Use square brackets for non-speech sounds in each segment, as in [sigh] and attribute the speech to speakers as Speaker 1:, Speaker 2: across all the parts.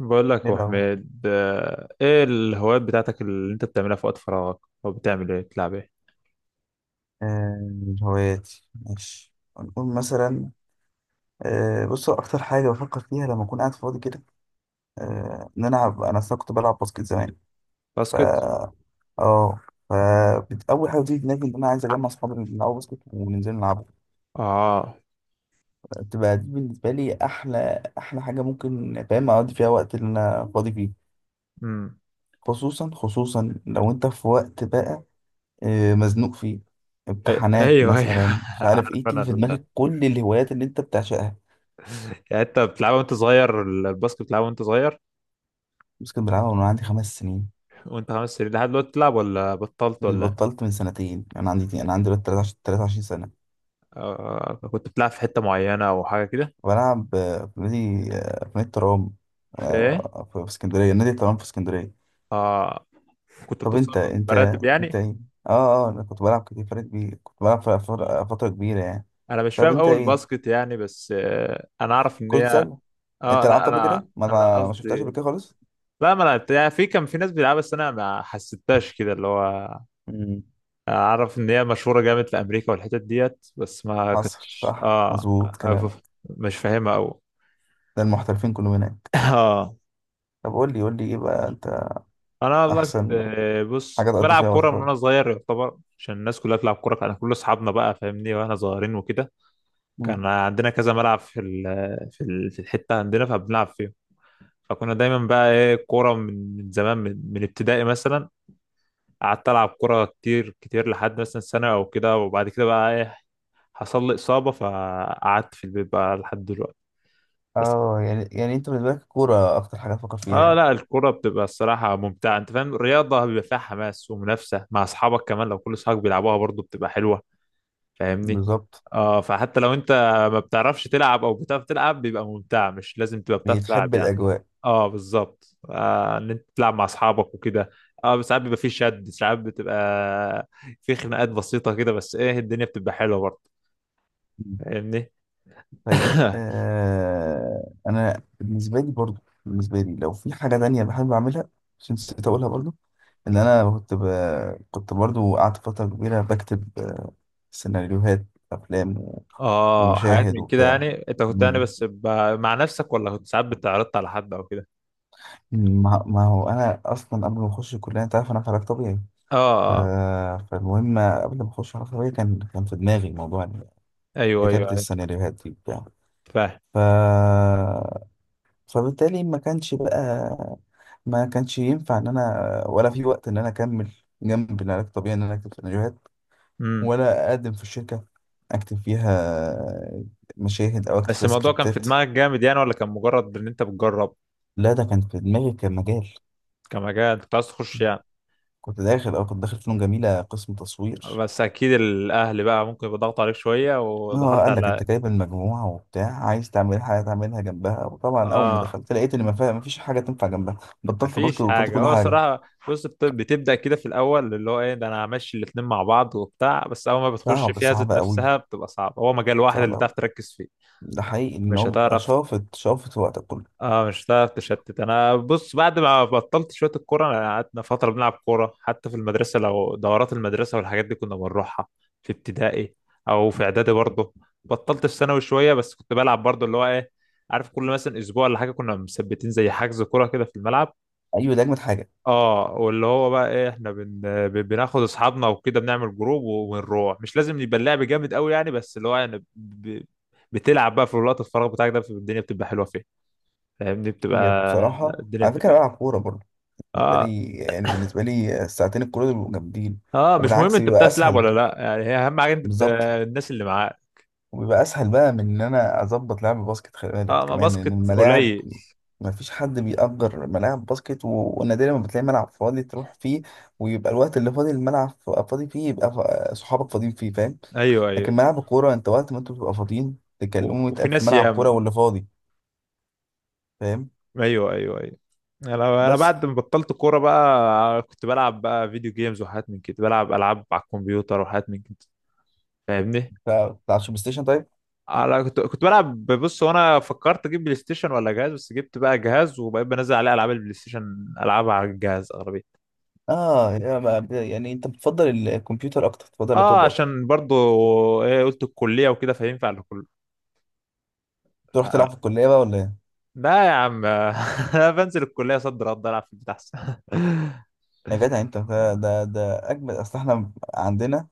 Speaker 1: بقول لك يا
Speaker 2: ايه
Speaker 1: ابو
Speaker 2: لو
Speaker 1: حميد، ايه الهوايات بتاعتك اللي انت بتعملها في وقت فراغك؟ او بتعمل ايه؟ بتلعب ايه؟
Speaker 2: آه، هواياتي، ماشي، هنقول مثلا. بص، هو اكتر حاجه بفكر فيها لما اكون قاعد فاضي كده، انا أصلاً كنت بلعب باسكت زمان. ف
Speaker 1: باسكت.
Speaker 2: اه ف
Speaker 1: مم.
Speaker 2: بت- اول حاجه بتيجي في دماغي ان انا عايز اجمع اصحابي اللي بيلعبوا باسكت وننزل نلعب.
Speaker 1: اه.
Speaker 2: تبقى دي بالنسبه لي احلى احلى حاجه، ممكن، فاهم، اقضي فيها وقت اللي انا فاضي فيه.
Speaker 1: امم
Speaker 2: خصوصا خصوصا لو انت في وقت بقى مزنوق فيه، امتحانات
Speaker 1: ايوه، ايوه.
Speaker 2: مثلا، مش
Speaker 1: [laughs]
Speaker 2: عارف
Speaker 1: عارف
Speaker 2: ايه،
Speaker 1: انا
Speaker 2: تيجي في
Speaker 1: ال...
Speaker 2: دماغك كل الهوايات اللي انت بتعشقها.
Speaker 1: يعني انت بتلعبها وانت صغير؟ الباسكت بتلعبها وانت صغير؟
Speaker 2: بس كنت بلعبها من وأنا عندي 5 سنين.
Speaker 1: وانت 5 سنين لحد دلوقتي بتلعب ولا بطلت
Speaker 2: اللي
Speaker 1: ولا إيه؟
Speaker 2: بطلت من سنتين، انا عندي دلوقتي 23 سنه.
Speaker 1: آه، كنت بتلعب في حتة معينة او حاجة كده؟
Speaker 2: بلعب في نادي الترام،
Speaker 1: في ايه؟
Speaker 2: في اسكندريه، نادي الترام في اسكندريه.
Speaker 1: اه. كنت
Speaker 2: طب
Speaker 1: بتوصل
Speaker 2: انت انت
Speaker 1: مراتب
Speaker 2: انت
Speaker 1: يعني؟
Speaker 2: ايه؟ اه انا كنت بلعب كتير، فرق كبير، كنت بلعب ف- فتره فترة كبيره يعني.
Speaker 1: انا مش
Speaker 2: طب
Speaker 1: فاهم
Speaker 2: انت
Speaker 1: اول
Speaker 2: ايه؟
Speaker 1: باسكت يعني، بس انا اعرف ان
Speaker 2: كرة
Speaker 1: هي.
Speaker 2: سله. انت
Speaker 1: اه،
Speaker 2: لعبت
Speaker 1: لا،
Speaker 2: قبل كده؟
Speaker 1: انا انا
Speaker 2: ما شفتهاش قبل
Speaker 1: قصدي.
Speaker 2: كده خالص؟
Speaker 1: لا، ما لعبت يعني، في كان في ناس بتلعبها بس انا ما حسيتهاش كده اللي هو.
Speaker 2: امم
Speaker 1: اعرف ان هي مشهوره جامد في امريكا والحتت ديت، بس ما
Speaker 2: حصل،
Speaker 1: كنتش
Speaker 2: صح،
Speaker 1: اه
Speaker 2: مظبوط كلام.
Speaker 1: مش فاهمها قوي.
Speaker 2: ده المحترفين كلهم هناك.
Speaker 1: [laughs] اه.
Speaker 2: طب قول لي قول لي ايه بقى انت؟
Speaker 1: انا والله كنت
Speaker 2: احسن
Speaker 1: آه، بص
Speaker 2: حاجه
Speaker 1: كنت
Speaker 2: تقضي
Speaker 1: بلعب
Speaker 2: فيها وقت
Speaker 1: كوره من
Speaker 2: فراغ.
Speaker 1: وانا صغير يعتبر، عشان الناس كلها بتلعب كوره، كان كل اصحابنا بقى فاهمني واحنا صغيرين وكده. كان عندنا كذا ملعب في الحته عندنا فبنلعب فيه. فكنا دايما بقى ايه، كوره من زمان، من ابتدائي مثلا. قعدت العب كوره كتير كتير لحد مثلا سنه او كده، وبعد كده بقى ايه. حصل لي اصابه فقعدت في البيت بقى لحد دلوقتي. بس
Speaker 2: اه، يعني انت بالنسبه لك الكوره اكتر حاجه تفكر فيها
Speaker 1: اه،
Speaker 2: يعني؟
Speaker 1: لا، الكوره بتبقى الصراحه ممتعه، انت فاهم، الرياضه بيبقى فيها حماس ومنافسه مع اصحابك، كمان لو كل اصحابك بيلعبوها برضو بتبقى حلوه. فاهمني.
Speaker 2: بالظبط.
Speaker 1: اه، فحتى لو انت ما بتعرفش تلعب او بتعرف تلعب بيبقى ممتع، مش لازم تبقى بتعرف تلعب
Speaker 2: بتحب
Speaker 1: يعني.
Speaker 2: الاجواء؟
Speaker 1: اه، بالظبط، ان انت تلعب مع اصحابك وكده. اه، ساعات بيبقى فيه شد، ساعات بتبقى في خناقات بسيطه كده، بس ايه، الدنيا بتبقى حلوه برضه.
Speaker 2: مم.
Speaker 1: فاهمني.
Speaker 2: طيب،
Speaker 1: [coughs]
Speaker 2: انا بالنسبه لي برضو، بالنسبه لي لو في حاجه تانية بحب اعملها، عشان نسيت اقولها برضو. ان انا كنت ب... كنت برضو قعدت فتره كبيره بكتب سيناريوهات، افلام و...
Speaker 1: اه، حاجات
Speaker 2: ومشاهد
Speaker 1: من كده
Speaker 2: وبتاع.
Speaker 1: يعني، انت كنت يعني
Speaker 2: مم.
Speaker 1: بس. مع نفسك ولا كنت ساعات بتعرضت على حد او كده؟
Speaker 2: مم. ما هو انا اصلا قبل ما اخش الكليه، انت عارف انا في علاج طبيعي.
Speaker 1: اه.
Speaker 2: ف...
Speaker 1: آه.
Speaker 2: فالمهم، قبل ما اخش علاج طبيعي، كان في دماغي موضوع
Speaker 1: ايوه،
Speaker 2: كتابة
Speaker 1: ايوه، ايوه.
Speaker 2: السيناريوهات دي بتاع.
Speaker 1: فاهم.
Speaker 2: ف... فبالتالي ما كانش بقى، ما كانش ينفع ان انا ولا في وقت ان انا اكمل جنب العلاج الطبيعي ان انا اكتب سيناريوهات،
Speaker 1: امم
Speaker 2: ولا اقدم في الشركة اكتب فيها مشاهد او اكتب
Speaker 1: بس
Speaker 2: فيها
Speaker 1: الموضوع كان في
Speaker 2: سكريبتات.
Speaker 1: دماغك جامد يعني ولا كان مجرد ان انت بتجرب؟
Speaker 2: لا، ده كان في دماغي، كان مجال.
Speaker 1: كمجال انت كنت عايز تخش يعني؟
Speaker 2: كنت داخل فنون جميلة، قسم تصوير.
Speaker 1: بس اكيد الاهل بقى ممكن يبقى ضغط عليك شويه
Speaker 2: ما هو
Speaker 1: ودخلت
Speaker 2: قال لك
Speaker 1: على.
Speaker 2: انت جايب المجموعة وبتاع، عايز تعمل حاجة تعملها جنبها، وطبعا اول ما
Speaker 1: اه،
Speaker 2: دخلت لقيت ان ما فيش حاجة تنفع جنبها. بطلت باسكت
Speaker 1: مفيش
Speaker 2: وبطلت
Speaker 1: حاجة
Speaker 2: كل
Speaker 1: هو
Speaker 2: حاجة.
Speaker 1: صراحة. بص، بتبدأ كده في الأول، اللي هو إيه ده، أنا همشي الاتنين مع بعض وبتاع، بس أول ما بتخش
Speaker 2: صعب،
Speaker 1: فيها ذات
Speaker 2: صعب قوي،
Speaker 1: نفسها بتبقى صعبة، هو مجال واحد
Speaker 2: صعب
Speaker 1: اللي تعرف
Speaker 2: قوي.
Speaker 1: تركز فيه.
Speaker 2: ده حقيقي ان
Speaker 1: مش
Speaker 2: هو بيبقى
Speaker 1: هتعرف.
Speaker 2: شافط شافط وقتك كله.
Speaker 1: اه، مش هتعرف تشتت. أنا بص، بعد ما بطلت شوية الكورة، أنا قعدنا فترة بنلعب كورة حتى في المدرسة، لو دورات المدرسة والحاجات دي كنا بنروحها. في ابتدائي أو في إعدادي برضه. بطلت في ثانوي شوية، بس كنت بلعب برضه اللي هو إيه. عارف، كل مثلا أسبوع ولا حاجة كنا مثبتين زي حجز كورة كده في الملعب.
Speaker 2: ايوه، ده اجمد حاجه.
Speaker 1: اه، واللي هو بقى ايه، احنا. بناخد اصحابنا وكده، بنعمل جروب ونروح، مش لازم يبقى اللعب جامد قوي يعني، بس اللي هو يعني. بتلعب بقى في الوقت الفراغ بتاعك، ده الدنيا بتبقى حلوه فيه. فاهمني، بتبقى
Speaker 2: هي بصراحه،
Speaker 1: الدنيا
Speaker 2: على فكره أنا
Speaker 1: بتبقى.
Speaker 2: بلعب كوره برضه. بالنسبه
Speaker 1: اه،
Speaker 2: لي يعني بالنسبه لي الساعتين الكوره دول بيبقوا جامدين،
Speaker 1: اه، مش مهم
Speaker 2: وبالعكس
Speaker 1: انت
Speaker 2: بيبقى
Speaker 1: بتعرف تلعب
Speaker 2: اسهل.
Speaker 1: ولا لا يعني، هي اهم حاجه انت.
Speaker 2: بالظبط.
Speaker 1: الناس اللي معاك.
Speaker 2: وبيبقى اسهل بقى من ان انا اظبط لعب الباسكت، خلي بالك
Speaker 1: اه، ما
Speaker 2: كمان ان
Speaker 1: باسكت
Speaker 2: الملاعب
Speaker 1: قليل.
Speaker 2: ما فيش حد بيأجر ملاعب باسكت، و- ونادرا ما بتلاقي ملعب فاضي تروح فيه، ويبقى الوقت اللي فاضي الملعب فاضي فيه يبقى صحابك فاضيين فيه، فاهم؟
Speaker 1: ايوه،
Speaker 2: لكن
Speaker 1: ايوه.
Speaker 2: ملعب الكورة انت وقت ما انتوا بتبقوا فاضيين تكلموا،
Speaker 1: وفي
Speaker 2: يتقال في
Speaker 1: ناس
Speaker 2: ملعب كورة
Speaker 1: ياما.
Speaker 2: واللي فاضي. فاهم؟
Speaker 1: ايوه، ايوه، ايوه. انا
Speaker 2: بس
Speaker 1: بعد ما بطلت كوره بقى، كنت بلعب بقى فيديو جيمز وحاجات من كده، بلعب العاب على الكمبيوتر وحاجات من كده. فاهمني.
Speaker 2: بتاع البلاي ستيشن؟ طيب.
Speaker 1: انا كنت بلعب. بص، وانا فكرت اجيب بلاي ستيشن ولا جهاز، بس جبت بقى جهاز وبقيت بنزل عليه العاب البلاي ستيشن العبها على الجهاز اغلبيه.
Speaker 2: اه، يا ما- يعني انت بتفضل الكمبيوتر اكتر؟ بتفضل
Speaker 1: اه،
Speaker 2: اللابتوب اكتر؟
Speaker 1: عشان برضو ايه، قلت الكليه وكده فينفع لكل.
Speaker 2: تروح
Speaker 1: آه.
Speaker 2: تلعب في الكلية بقى ولا ايه؟
Speaker 1: لا يا عم. [laughs] انا بنزل الكليه صد رد العب في البيت احسن. [laughs]
Speaker 2: يا جدع انت، ده اجمل، اصل احنا عندنا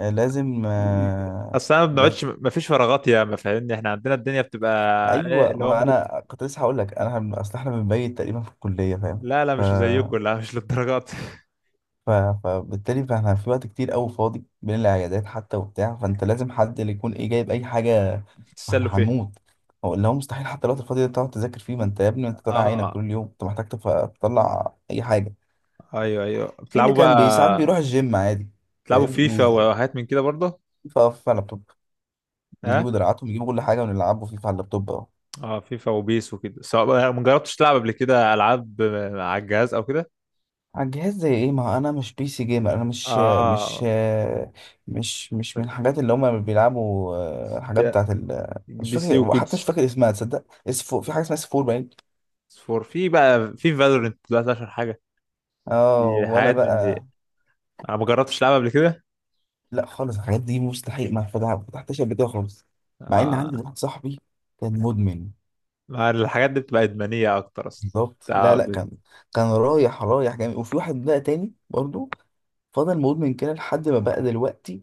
Speaker 2: لازم،
Speaker 1: اصل انا ما
Speaker 2: لازم.
Speaker 1: بنقعدش، ما فيش فراغات يا ما فاهمني، احنا عندنا الدنيا بتبقى ايه
Speaker 2: ايوه،
Speaker 1: اللي هو
Speaker 2: ما
Speaker 1: ممكن.
Speaker 2: انا كنت لسه هقول لك انا اصل احنا بنبيت تقريبا في الكلية، فاهم؟
Speaker 1: لا، لا، مش زيكم. لا، مش للدرجات.
Speaker 2: ف- فبالتالي فاحنا في وقت كتير قوي فاضي بين العيادات حتى وبتاع، فانت لازم حد اللي يكون ايه جايب اي حاجه.
Speaker 1: [laughs]
Speaker 2: ما
Speaker 1: بتتسلوا
Speaker 2: احنا
Speaker 1: فين؟
Speaker 2: هنموت. هو اللي هو مستحيل حتى الوقت الفاضي ده تقعد تذاكر فيه، ما انت يا ابني انت طالع عينك
Speaker 1: اه،
Speaker 2: طول اليوم، انت محتاج تطلع اي حاجه.
Speaker 1: ايوه، ايوه،
Speaker 2: في اللي
Speaker 1: بتلعبوا بقى
Speaker 2: كان ساعات بيروح الجيم عادي.
Speaker 1: تلعبوا
Speaker 2: فاهم؟
Speaker 1: فيفا وحاجات من كده برضه؟
Speaker 2: يقف على اللابتوب،
Speaker 1: اه،
Speaker 2: يجيبوا دراعاتهم، يجيبوا كل حاجه ونلعبوا فيفا على اللابتوب.
Speaker 1: اه، فيفا وبيس وكده، سواء. ما جربتش تلعب قبل كده العاب على الجهاز او كده؟
Speaker 2: على الجهاز زي ايه؟ ما هو انا مش PC جيمر، انا مش مش
Speaker 1: اه،
Speaker 2: مش من الحاجات اللي هما بيلعبوا، الحاجات
Speaker 1: يا
Speaker 2: بتاعت ال... مش
Speaker 1: PC
Speaker 2: فاكر، حتى مش
Speaker 1: وكيدز.
Speaker 2: فاكر اسمها. تصدق اس 4، في حاجه اسمها اس 4، باين.
Speaker 1: فور في بقى، في فالورنت دلوقتي اشهر حاجه،
Speaker 2: اه،
Speaker 1: دي
Speaker 2: ولا
Speaker 1: حاجات من دي.
Speaker 2: بقى.
Speaker 1: انا ما جربتش العبها قبل كده.
Speaker 2: لا خالص، الحاجات دي مستحيل ما فتح- فتحتش قبل كده خالص. مع ان عندي
Speaker 1: آه.
Speaker 2: واحد صاحبي كان مدمن.
Speaker 1: ما الحاجات دي بتبقى ادمانيه اكتر اصلا.
Speaker 2: بالظبط.
Speaker 1: بتاع
Speaker 2: لا، لا،
Speaker 1: بت...
Speaker 2: كان كان رايح رايح جامد، وفي واحد بقى تاني برضو فضل مدمن كده لحد ما بقى دلوقتي،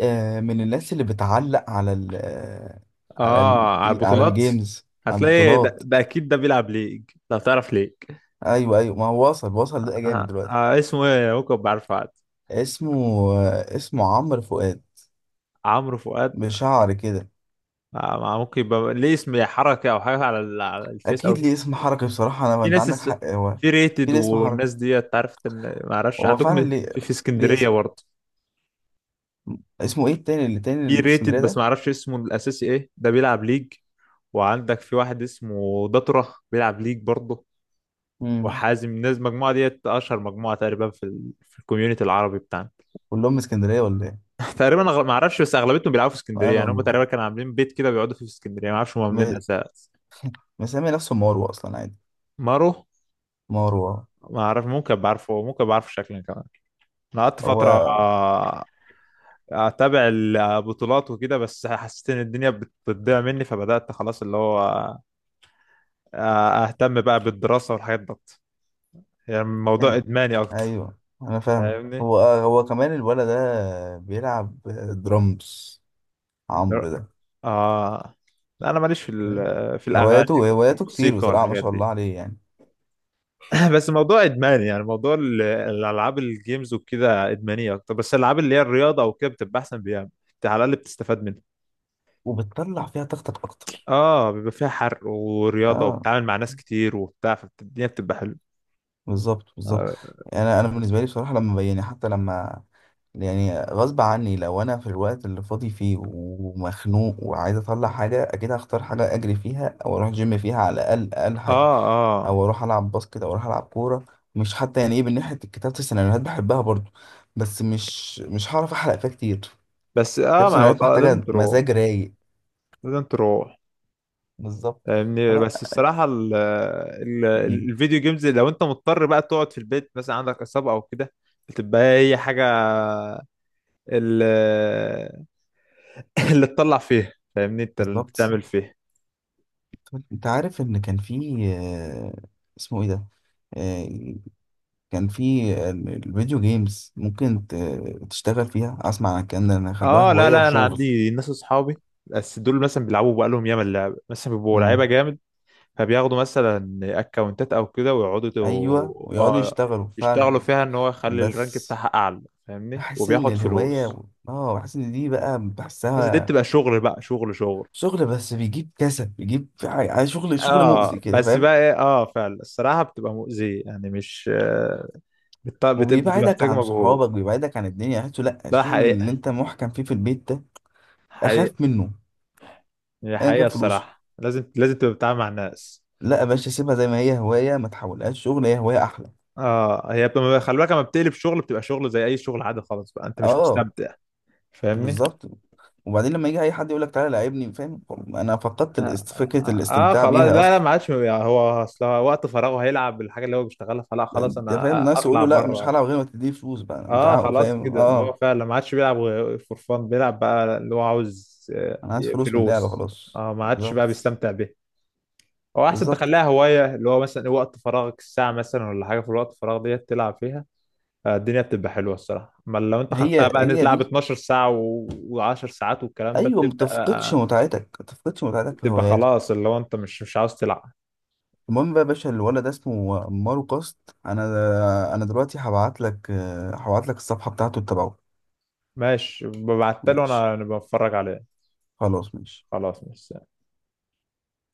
Speaker 2: من الناس اللي بتعلق على ال آه، على ال
Speaker 1: اه، على
Speaker 2: على
Speaker 1: البطولات.
Speaker 2: الجيمز، على
Speaker 1: هتلاقي ده,
Speaker 2: البطولات.
Speaker 1: ده اكيد ده بيلعب ليج، لو تعرف ليج.
Speaker 2: ايوه، ايوه، ما هو وصل وصل
Speaker 1: آه.
Speaker 2: ده، جامد
Speaker 1: آه.
Speaker 2: دلوقتي.
Speaker 1: اسمه ايه؟ ممكن بعرفه عاد.
Speaker 2: اسمه اسمه عمرو فؤاد،
Speaker 1: عمرو فؤاد.
Speaker 2: بشعر كده.
Speaker 1: ما ممكن يبقى ليه اسم حركة أو حاجة على الفيس أو
Speaker 2: اكيد
Speaker 1: كده.
Speaker 2: ليه اسم حركي، بصراحه انا ما...
Speaker 1: في
Speaker 2: انت
Speaker 1: ناس
Speaker 2: عندك
Speaker 1: اس-
Speaker 2: حق، هو
Speaker 1: في
Speaker 2: في
Speaker 1: ريتد
Speaker 2: ليه اسم
Speaker 1: والناس
Speaker 2: حركي،
Speaker 1: دي تعرف، إن ما أعرفش
Speaker 2: هو
Speaker 1: عندكم.
Speaker 2: فعلا ليه،
Speaker 1: في
Speaker 2: ليه
Speaker 1: اسكندرية
Speaker 2: اسم.
Speaker 1: برضه.
Speaker 2: اسمه ايه التاني، اللي تاني
Speaker 1: في
Speaker 2: اللي في
Speaker 1: ريتد
Speaker 2: اسكندريه
Speaker 1: بس
Speaker 2: ده؟
Speaker 1: ما أعرفش اسمه الأساسي إيه، ده بيلعب ليج. وعندك في واحد اسمه دطرة بيلعب ليج برضه.
Speaker 2: امم.
Speaker 1: وحازم، الناس المجموعة ديت أشهر مجموعة تقريبا في الكوميونتي العربي بتاعنا.
Speaker 2: كلهم من اسكندريه ولا ايه؟
Speaker 1: [laughs] تقريبا، ما أعرفش، بس أغلبيتهم بيلعبوا في اسكندرية يعني، هم تقريبا
Speaker 2: مالهم؟
Speaker 1: كانوا عاملين بيت كده بيقعدوا فيه في اسكندرية، ما أعرفش هم عاملين
Speaker 2: م-
Speaker 1: أساس.
Speaker 2: مسمي نفسه مروه اصلا، عادي.
Speaker 1: مارو.
Speaker 2: مروه.
Speaker 1: ما أعرف، ممكن بعرفه، ممكن بعرفه شكلا كمان. انا قعدت فتره
Speaker 2: هو
Speaker 1: آه، اتابع البطولات وكده، بس حسيت ان الدنيا بتضيع مني فبدات خلاص اللي هو اهتم بقى بالدراسه والحاجات ديت. يعني الموضوع ادماني اكتر.
Speaker 2: ايوه، انا فاهم.
Speaker 1: فاهمني.
Speaker 2: هو كمان الولد ده بيلعب درامز،
Speaker 1: در-
Speaker 2: عمرو ده،
Speaker 1: اه، لا، انا ماليش
Speaker 2: فاهم؟
Speaker 1: في الاغاني
Speaker 2: هواياته هواياته كتير
Speaker 1: والموسيقى
Speaker 2: بصراحة، ما
Speaker 1: والحاجات
Speaker 2: شاء الله
Speaker 1: دي.
Speaker 2: عليه يعني.
Speaker 1: [clears throat] بس موضوع ادماني يعني، موضوع الالعاب، الجيمز وكده ادمانيه اكتر، بس الالعاب اللي هي الرياضه وكده بتبقى احسن بيها. انت على الاقل بتستفاد منها.
Speaker 2: وبتطلع فيها طاقتك اكتر.
Speaker 1: اه، بيبقى فيها حرق ورياضة
Speaker 2: اه
Speaker 1: وبتتعامل مع ناس كتير وبتاع، فالدنيا بتبقى حلوة.
Speaker 2: بالظبط، بالظبط.
Speaker 1: اه.
Speaker 2: انا بالنسبة لي بصراحة، لما يعني، حتى لما يعني غصب عني، لو انا في الوقت اللي فاضي فيه ومخنوق وعايز اطلع حاجة، اكيد هختار حاجة اجري فيها، او اروح جيم فيها على الاقل، اقل حاجة،
Speaker 1: اه،
Speaker 2: او اروح العب باسكت او اروح العب كوره. مش حتى يعني ايه، من ناحيه كتابه السيناريوهات بحبها برضو، بس مش هعرف احرق فيها كتير.
Speaker 1: بس
Speaker 2: كتابه
Speaker 1: اه، ما هو
Speaker 2: السيناريوهات
Speaker 1: طبعاً لازم
Speaker 2: محتاجه
Speaker 1: تروح،
Speaker 2: مزاج رايق.
Speaker 1: لازم تروح.
Speaker 2: بالظبط.
Speaker 1: فاهمني،
Speaker 2: فلا.
Speaker 1: بس الصراحة ال
Speaker 2: مم.
Speaker 1: الفيديو جيمز، لو انت مضطر بقى تقعد في البيت مثلا عندك إصابة او كده بتبقى هي حاجة ال- [laughs] اللي تطلع فيها، فاهمني انت اللي
Speaker 2: بالظبط.
Speaker 1: تعمل فيها.
Speaker 2: طب انت عارف ان كان في اسمه ايه ده، آه، كان في الفيديو جيمز ممكن تشتغل فيها؟ اسمع عن الكلام ده إن خلوها
Speaker 1: اه، لا،
Speaker 2: هوايه
Speaker 1: لا، انا
Speaker 2: وشغل.
Speaker 1: عندي ناس اصحابي بس دول مثلا بيلعبوا بقالهم ياما اللعبة، مثلا بيبقوا
Speaker 2: مم.
Speaker 1: لعيبة جامد. فبياخدوا مثلا اكونتات او كده، ويقعدوا
Speaker 2: ايوه، ويقعدوا
Speaker 1: اه،
Speaker 2: يشتغلوا
Speaker 1: يشتغلوا
Speaker 2: فعلا.
Speaker 1: فيها ان هو يخلي الرانك
Speaker 2: بس
Speaker 1: بتاعها اعلى. فاهمني،
Speaker 2: بحس ان
Speaker 1: وبياخد فلوس.
Speaker 2: الهوايه، اه، بحس ان دي بقى
Speaker 1: بس دي
Speaker 2: بحسها
Speaker 1: بتبقى شغل بقى، شغل شغل.
Speaker 2: شغل، بس بيجيب كسل، بيجيب شغل، شغل مؤذي
Speaker 1: اه،
Speaker 2: كده،
Speaker 1: بس
Speaker 2: فاهم؟
Speaker 1: بقى ايه، اه، فعلا الصراحة بتبقى مؤذية يعني، مش.
Speaker 2: وبيبعدك
Speaker 1: بتحتاج
Speaker 2: عن
Speaker 1: مجهود.
Speaker 2: صحابك، بيبعدك عن الدنيا، احسه لا،
Speaker 1: ده
Speaker 2: الشغل اللي
Speaker 1: حقيقة،
Speaker 2: انت محكم فيه في البيت ده
Speaker 1: حقيقة.
Speaker 2: اخاف منه
Speaker 1: هي
Speaker 2: ايا
Speaker 1: حقيقة
Speaker 2: كان فلوسه.
Speaker 1: الصراحة، لازم لازم تبقى بتتعامل مع الناس.
Speaker 2: لا يا باشا، سيبها زي ما هي هوايه، ما تحولهاش شغل، هي هوايه احلى.
Speaker 1: اه، هي بتبقى، خلي بالك لما بتقلب شغل بتبقى شغل زي اي شغل عادي خالص، بقى انت مش
Speaker 2: اه،
Speaker 1: مستمتع. فاهمني.
Speaker 2: بالظبط. وبعدين لما يجي اي حد يقول لك تعالى لعبني، فاهم؟ انا فقدت
Speaker 1: اه،
Speaker 2: فكره
Speaker 1: آه،
Speaker 2: الاستمتاع
Speaker 1: خلاص، لا
Speaker 2: بيها
Speaker 1: لا،
Speaker 2: اصلا.
Speaker 1: ما عادش يعني، هو اصل هو وقت فراغه هيلعب بالحاجه اللي هو بيشتغلها، فلا خلاص
Speaker 2: انت
Speaker 1: انا
Speaker 2: فاهم، الناس
Speaker 1: اطلع
Speaker 2: يقولوا لا، مش
Speaker 1: بره.
Speaker 2: هلعب غير ما تديني فلوس، بقى انا
Speaker 1: اه، خلاص
Speaker 2: فاهم؟
Speaker 1: كده، ما هو
Speaker 2: اه،
Speaker 1: فعلا ما عادش بيلعب. فور فان بيلعب بقى اللي هو عاوز
Speaker 2: انا عايز فلوس من اللعبه،
Speaker 1: فلوس.
Speaker 2: خلاص.
Speaker 1: اه، ما عادش بقى
Speaker 2: بالظبط.
Speaker 1: بيستمتع بيه. هو احسن
Speaker 2: بالظبط،
Speaker 1: تخليها هوايه، اللي هو مثلا وقت فراغك الساعه مثلا ولا حاجه، في الوقت الفراغ ديت تلعب فيها. الدنيا بتبقى حلوه الصراحه، اما لو انت
Speaker 2: هي
Speaker 1: خدتها بقى إن أنت
Speaker 2: هي
Speaker 1: تلعب
Speaker 2: دي.
Speaker 1: 12 ساعه و10 ساعات والكلام ده
Speaker 2: ايوه، ما
Speaker 1: بتبقى
Speaker 2: تفقدش
Speaker 1: آه،
Speaker 2: متعتك، ما تفقدش متعتك في
Speaker 1: بتبقى
Speaker 2: هواياتك.
Speaker 1: خلاص، اللي هو انت مش عاوز تلعب.
Speaker 2: المهم بقى يا باشا، الولد ده اسمه مارو كاست، انا دلوقتي هبعت لك، هبعت لك الصفحه بتاعته تتابعه.
Speaker 1: ماشي، ببعتله،
Speaker 2: ماشي،
Speaker 1: انا بتفرج عليه.
Speaker 2: خلاص، ماشي.
Speaker 1: خلاص مش